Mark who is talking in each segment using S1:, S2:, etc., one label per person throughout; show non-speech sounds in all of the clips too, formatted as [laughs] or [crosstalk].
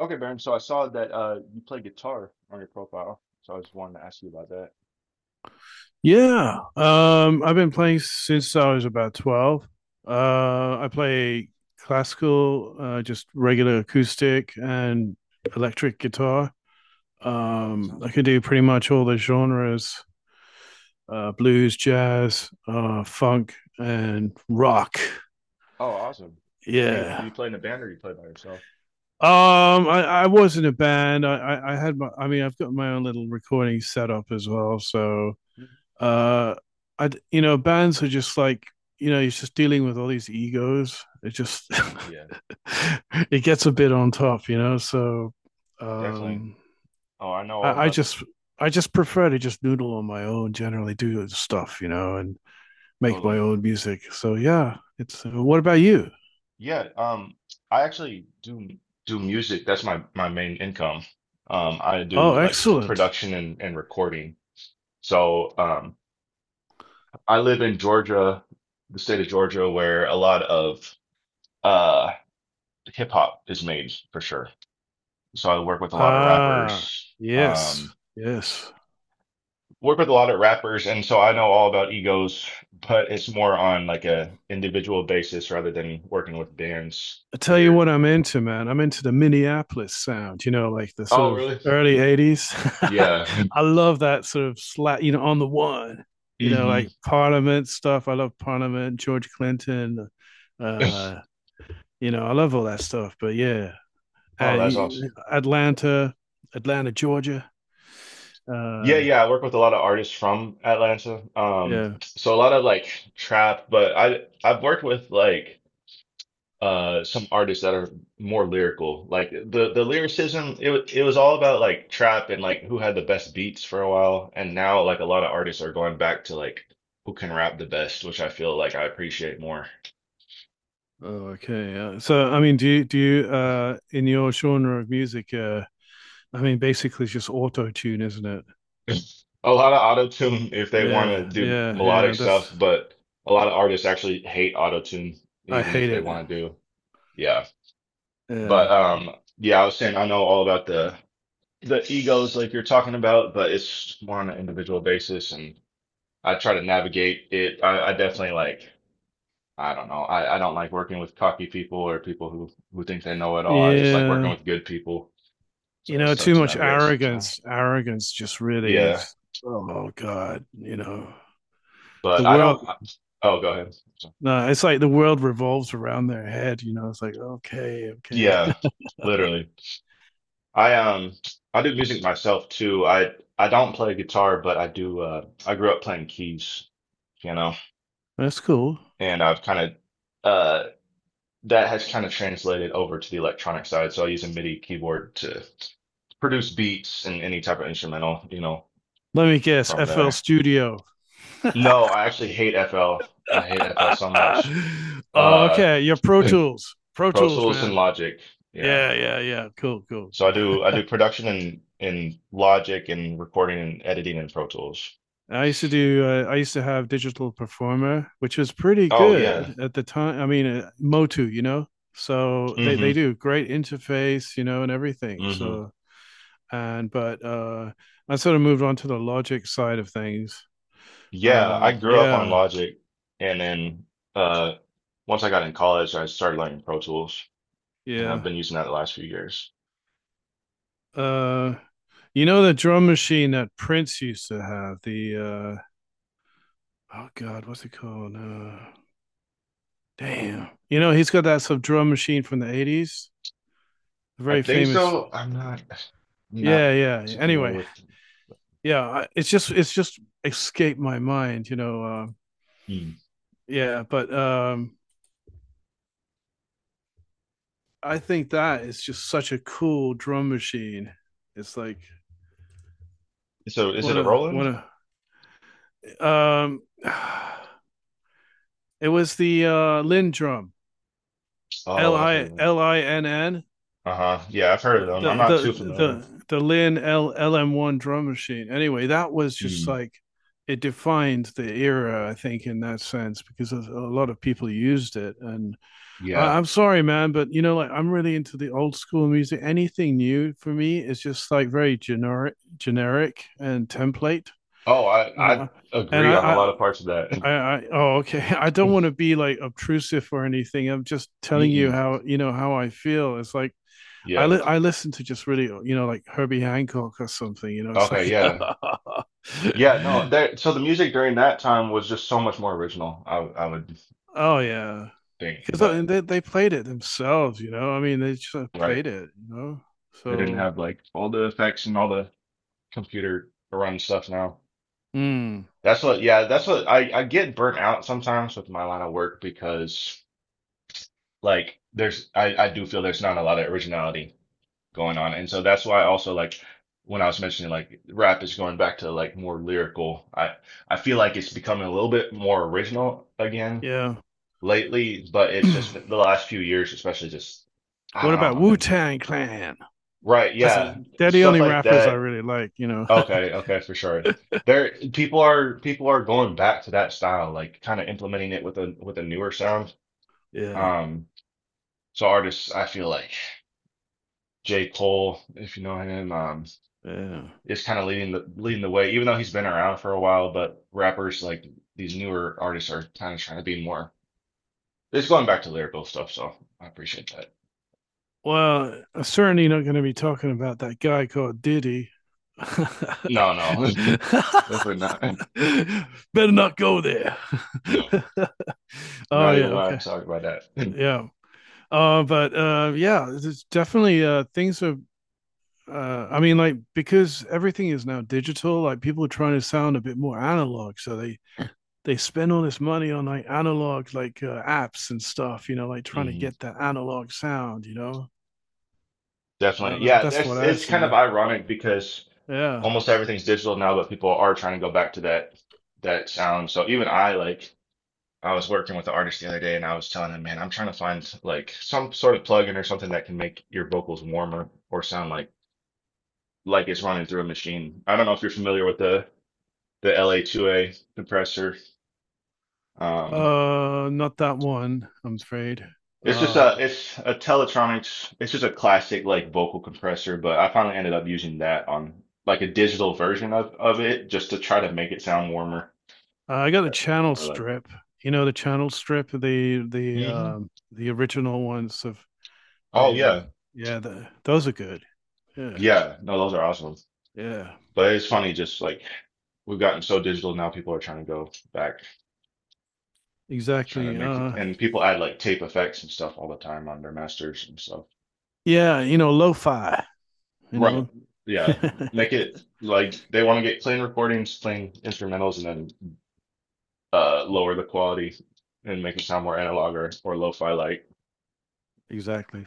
S1: Okay, Baron. So I saw that you play guitar on your profile, so I just wanted to ask you about that.
S2: Yeah. I've been playing since I was about 12. Uh, I play classical, just regular acoustic and electric guitar.
S1: Oh, that's
S2: I
S1: awesome.
S2: can do pretty much all the genres, blues, jazz, funk, and rock.
S1: Oh, awesome. Do you do
S2: Yeah.
S1: you play in a band or you play by yourself?
S2: I was in a band. I mean, I've got my own little recording setup as well. So,
S1: Mhm.
S2: uh I, bands are just like, he's just dealing with all these egos. It just [laughs]
S1: Yeah,
S2: It gets a bit on top, so,
S1: definitely.
S2: um
S1: Oh, I know all
S2: I, I
S1: about that.
S2: just I just prefer to just noodle on my own, generally do stuff, and make my
S1: Totally.
S2: own music. So yeah, it's what about you?
S1: Yeah, I actually do music. That's my main income. I do
S2: Oh,
S1: like
S2: excellent.
S1: production and recording. So, I live in Georgia, the state of Georgia, where a lot of uh hip hop is made for sure. So I work with a lot of
S2: ah
S1: rappers.
S2: yes, yes.
S1: Work with a lot of rappers, and so I know all about egos, but it's more on like a individual basis rather than working with bands
S2: I tell you
S1: here.
S2: what I'm into, man. I'm into the Minneapolis sound, like the sort
S1: Oh,
S2: of
S1: really?
S2: early 80s. [laughs]
S1: Yeah.
S2: I love that sort of slap, on the one,
S1: hmm
S2: like Parliament stuff. I love Parliament, George Clinton. Uh, I love all that stuff. But yeah,
S1: Oh,
S2: uh,
S1: that's awesome.
S2: Atlanta, Atlanta, Georgia.
S1: Yeah,
S2: Uh,
S1: yeah, I work with a lot of artists from Atlanta.
S2: yeah.
S1: So a lot of like trap, but I've worked with like some artists that are more lyrical. Like the lyricism, it was all about like trap and like who had the best beats for a while, and now like a lot of artists are going back to like who can rap the best, which I feel like I appreciate more. [laughs]
S2: Oh, okay. So, I mean, in your genre of music, I mean, basically it's just auto tune, isn't it?
S1: A lot of auto-tune if they want to
S2: Yeah,
S1: do
S2: yeah,
S1: melodic
S2: yeah.
S1: stuff,
S2: That's
S1: but a lot of artists actually hate auto-tune
S2: I
S1: even if
S2: hate
S1: they
S2: it.
S1: want to do. Yeah. But
S2: Yeah,
S1: yeah, I was saying I know all about the egos like you're talking about, but it's more on an individual basis and I try to navigate it. I definitely like, I don't know. I don't like working with cocky people or people who think they know it all. I just like working
S2: yeah.
S1: with good people.
S2: You
S1: So
S2: know,
S1: it's tough
S2: too
S1: to
S2: much
S1: navigate sometimes.
S2: arrogance. Arrogance just really.
S1: Yeah,
S2: Oh God, the
S1: but I
S2: world.
S1: don't. Oh, go ahead.
S2: No, it's like the world revolves around their head. It's like okay, okay,
S1: Yeah, literally. I I do music myself too. I don't play guitar, but I do. I grew up playing keys, you know,
S2: [laughs] that's cool.
S1: and I've of uh. that has kind of translated over to the electronic side. So I use a MIDI keyboard to produce beats and any type of instrumental, you know,
S2: Let me guess,
S1: from
S2: FL
S1: there.
S2: Studio.
S1: No, I actually hate FL. I hate FL so much.
S2: [laughs] Oh,
S1: Uh,
S2: okay.
S1: [clears throat]
S2: Your Pro Tools,
S1: [laughs]
S2: Pro
S1: Pro
S2: Tools,
S1: Tools and
S2: man.
S1: Logic. Yeah.
S2: Yeah, yeah, yeah. Cool, cool,
S1: So I
S2: cool.
S1: do I do production in Logic and recording and editing in Pro Tools.
S2: I used to do. I used to have Digital Performer, which was pretty
S1: Oh yeah.
S2: good at the time. I mean, Motu. So they
S1: Mm-hmm.
S2: they do great interface, and everything.
S1: Mm-hmm.
S2: So and but I sort of moved on to the Logic side of things.
S1: Yeah, I grew up on
S2: Yeah,
S1: Logic and then uh once I got in college I started learning Pro Tools and I've
S2: yeah.
S1: been using that the last few years.
S2: Uh, you know the drum machine that Prince used to have? The, oh God, what's it called? Damn. You know he's got that sort of drum machine from the 80s.
S1: I
S2: Very
S1: think
S2: famous.
S1: so. I'm not
S2: Yeah, yeah.
S1: too familiar
S2: Anyway,
S1: with.
S2: yeah, it's just escaped my mind,
S1: Hmm.
S2: yeah, but I think that is just such a cool drum machine. It's like
S1: So is it a Roland?
S2: one of [sighs] it was the lin drum,
S1: Oh, I've heard of them.
S2: Linn,
S1: Uh-huh. Yeah, I've heard of them. I'm
S2: the
S1: not
S2: the
S1: too familiar.
S2: the the lin LM1 drum machine. Anyway, that was just
S1: Hmm.
S2: like, it defined the era, I think, in that sense, because a lot of people used it. And I,
S1: Yeah.
S2: I'm sorry, man, but like I'm really into the old school music. Anything new for me is just like very generic, generic and template.
S1: Oh, I
S2: Uh, and
S1: agree on a lot of parts of that.
S2: I, oh, okay. [laughs] I don't want to
S1: [laughs]
S2: be like obtrusive or anything. I'm just telling you
S1: Mm-mm.
S2: how, how I feel. It's like
S1: Yeah.
S2: I listen to just really, like Herbie Hancock or something. It's
S1: Okay.
S2: like,
S1: Yeah.
S2: [laughs]
S1: Yeah. No. There. So the music during that time was just so much more original. I would
S2: oh yeah,
S1: think,
S2: because
S1: but
S2: they played it themselves. I mean, they just
S1: right,
S2: played it. You know,
S1: they didn't
S2: so.
S1: have like all the effects and all the computer run stuff now.
S2: Mm.
S1: That's what, yeah, that's what I get burnt out sometimes with my line of work because like I do feel there's not a lot of originality going on. And so that's why also like when I was mentioning like rap is going back to like more lyrical. I feel like it's becoming a little bit more original again
S2: Yeah.
S1: lately, but it's just the
S2: [clears throat]
S1: last few years, especially just I
S2: What
S1: don't
S2: about
S1: know, I've
S2: Wu
S1: been
S2: Tang Clan?
S1: right,
S2: That's it.
S1: yeah,
S2: They're the
S1: stuff
S2: only
S1: like
S2: rappers I
S1: that.
S2: really like, you know. [laughs]
S1: Okay, okay, for sure. There, people are going back to that style, like kind of implementing it with a newer sound.
S2: Yeah.
S1: Um, so artists, I feel like J. Cole, if you know him,
S2: Yeah.
S1: is kind of leading the way, even though he's been around for a while. But rappers like these newer artists are kind of trying to be more. It's going back to lyrical stuff, so I appreciate that.
S2: Well, I'm certainly not going to be talking about that guy called Diddy. [laughs]
S1: No, no, [laughs] definitely not.
S2: Better not go there.
S1: No,
S2: [laughs] Oh
S1: not even
S2: yeah,
S1: gonna
S2: okay,
S1: talk about that. [laughs]
S2: yeah. But yeah, it's definitely things are. I mean, like because everything is now digital, like people are trying to sound a bit more analog, so they spend all this money on like analog, like apps and stuff, like trying to
S1: hmm
S2: get that analog sound.
S1: Definitely. Yeah,
S2: That's what
S1: that's
S2: I
S1: it's kind of
S2: see.
S1: ironic because
S2: Yeah.
S1: almost everything's digital now, but people are trying to go back to that sound. So even I like I was working with the artist the other day and I was telling him, man, I'm trying to find like some sort of plugin or something that can make your vocals warmer or sound like it's running through a machine. I don't know if you're familiar with the LA2A compressor. Um
S2: Not that one, I'm afraid.
S1: it's just a
S2: Um,
S1: it's a Teletronics it's just a classic like vocal compressor, but I finally ended up using that on like a digital version of it just to try to make it sound warmer.
S2: I got a channel
S1: More like
S2: strip. You know the channel strip, the the
S1: Mhm.
S2: um the original ones of
S1: Oh
S2: they
S1: yeah.
S2: yeah, those are good. Yeah.
S1: Yeah. No, those are awesome.
S2: Yeah.
S1: But it's funny, just like we've gotten so digital now, people are trying to go back, trying to
S2: Exactly.
S1: make it, and people add like tape effects and stuff all the time on their masters and stuff.
S2: Yeah, lo-fi, you
S1: Right.
S2: know.
S1: Yeah,
S2: [laughs]
S1: make it like they want to get clean recordings, clean instrumentals, and then lower the quality and make it sound more analog or lo-fi like.
S2: Exactly.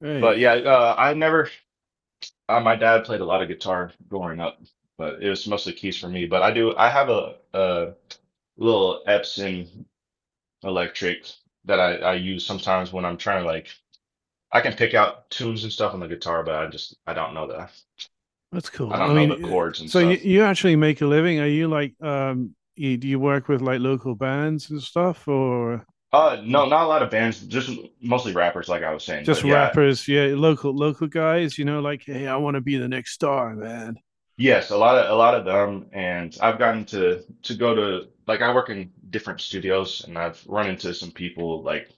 S2: Right.
S1: But yeah, I never, my dad played a lot of guitar growing up, but it was mostly keys for me. But I do, I have a little Epson electric that I use sometimes when I'm trying to like I can pick out tunes and stuff on the guitar, but I just I don't know the
S2: That's
S1: I
S2: cool. I
S1: don't know the
S2: mean,
S1: chords and
S2: so you,
S1: stuff.
S2: you actually make a living. Are you like, do you work with like local bands and stuff or
S1: No, not a lot of bands, just mostly rappers like I was saying. But
S2: just
S1: yeah,
S2: rappers? Yeah, local, local guys, like, hey, I want to be the next star, man.
S1: yes, a lot of them and I've gotten to go to like I work in different studios and I've run into some people like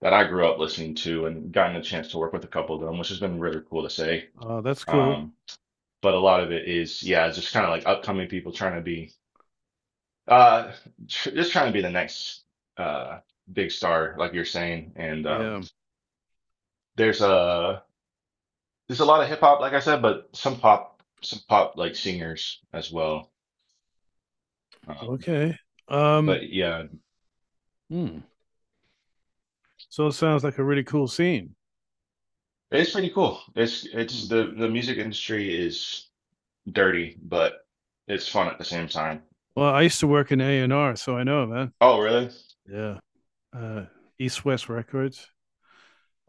S1: that I grew up listening to and gotten a chance to work with a couple of them, which has been really cool to say.
S2: Oh, that's cool.
S1: Um, but a lot of it is, yeah, just kind of like upcoming people trying to be Uh, tr just trying to be the next uh big star, like you're saying. And
S2: Yeah.
S1: there's a there's a lot of hip hop, like I said, but some pop like singers as well. Um,
S2: Okay. Um,
S1: but yeah,
S2: hmm. So it sounds like a really cool scene.
S1: it's pretty cool. It's it's
S2: Hmm.
S1: the the music industry is dirty, but it's fun at the same time.
S2: Well, I used to work in A&R, so I know, man.
S1: Oh, really?
S2: Yeah. Uh, East West Records.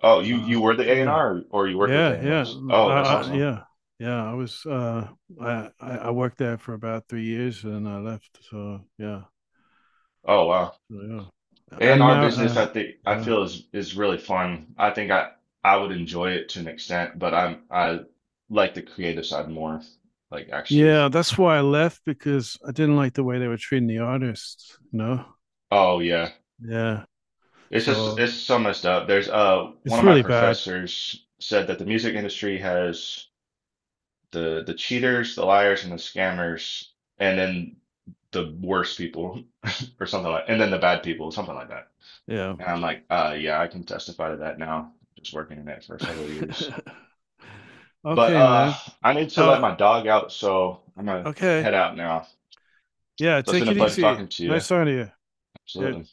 S1: Oh, you
S2: Uh,
S1: you were the A and
S2: yeah.
S1: R, or you worked with A
S2: Yeah,
S1: and
S2: yeah,
S1: R's? Oh, that's awesome.
S2: Yeah, yeah. I was I worked there for about 3 years and I left. So yeah,
S1: Oh, wow.
S2: so, yeah, and
S1: A&R
S2: my
S1: business, I think I
S2: yeah,
S1: feel is really fun. I think I would enjoy it to an extent, but I like the creative side more. Like actually,
S2: yeah. That's why I left because I didn't like the way they were treating the artists.
S1: oh yeah,
S2: Yeah.
S1: it's just
S2: So
S1: it's so messed up. There's one
S2: it's
S1: of my
S2: really bad.
S1: professors said that the music industry has the cheaters, the liars, and the scammers, and then the worst people [laughs] or something like, and then the bad people, something like that.
S2: Yeah.
S1: And I'm like, yeah, I can testify to that now, just working in it for several years. So.
S2: [laughs]
S1: But
S2: Okay, man.
S1: I need to let
S2: Oh,
S1: my dog out, so I'm gonna
S2: okay.
S1: head out now.
S2: Yeah.
S1: So it's been
S2: Take
S1: a
S2: it
S1: pleasure
S2: easy.
S1: talking to you.
S2: Nice talking to you. Yeah.
S1: Absolutely.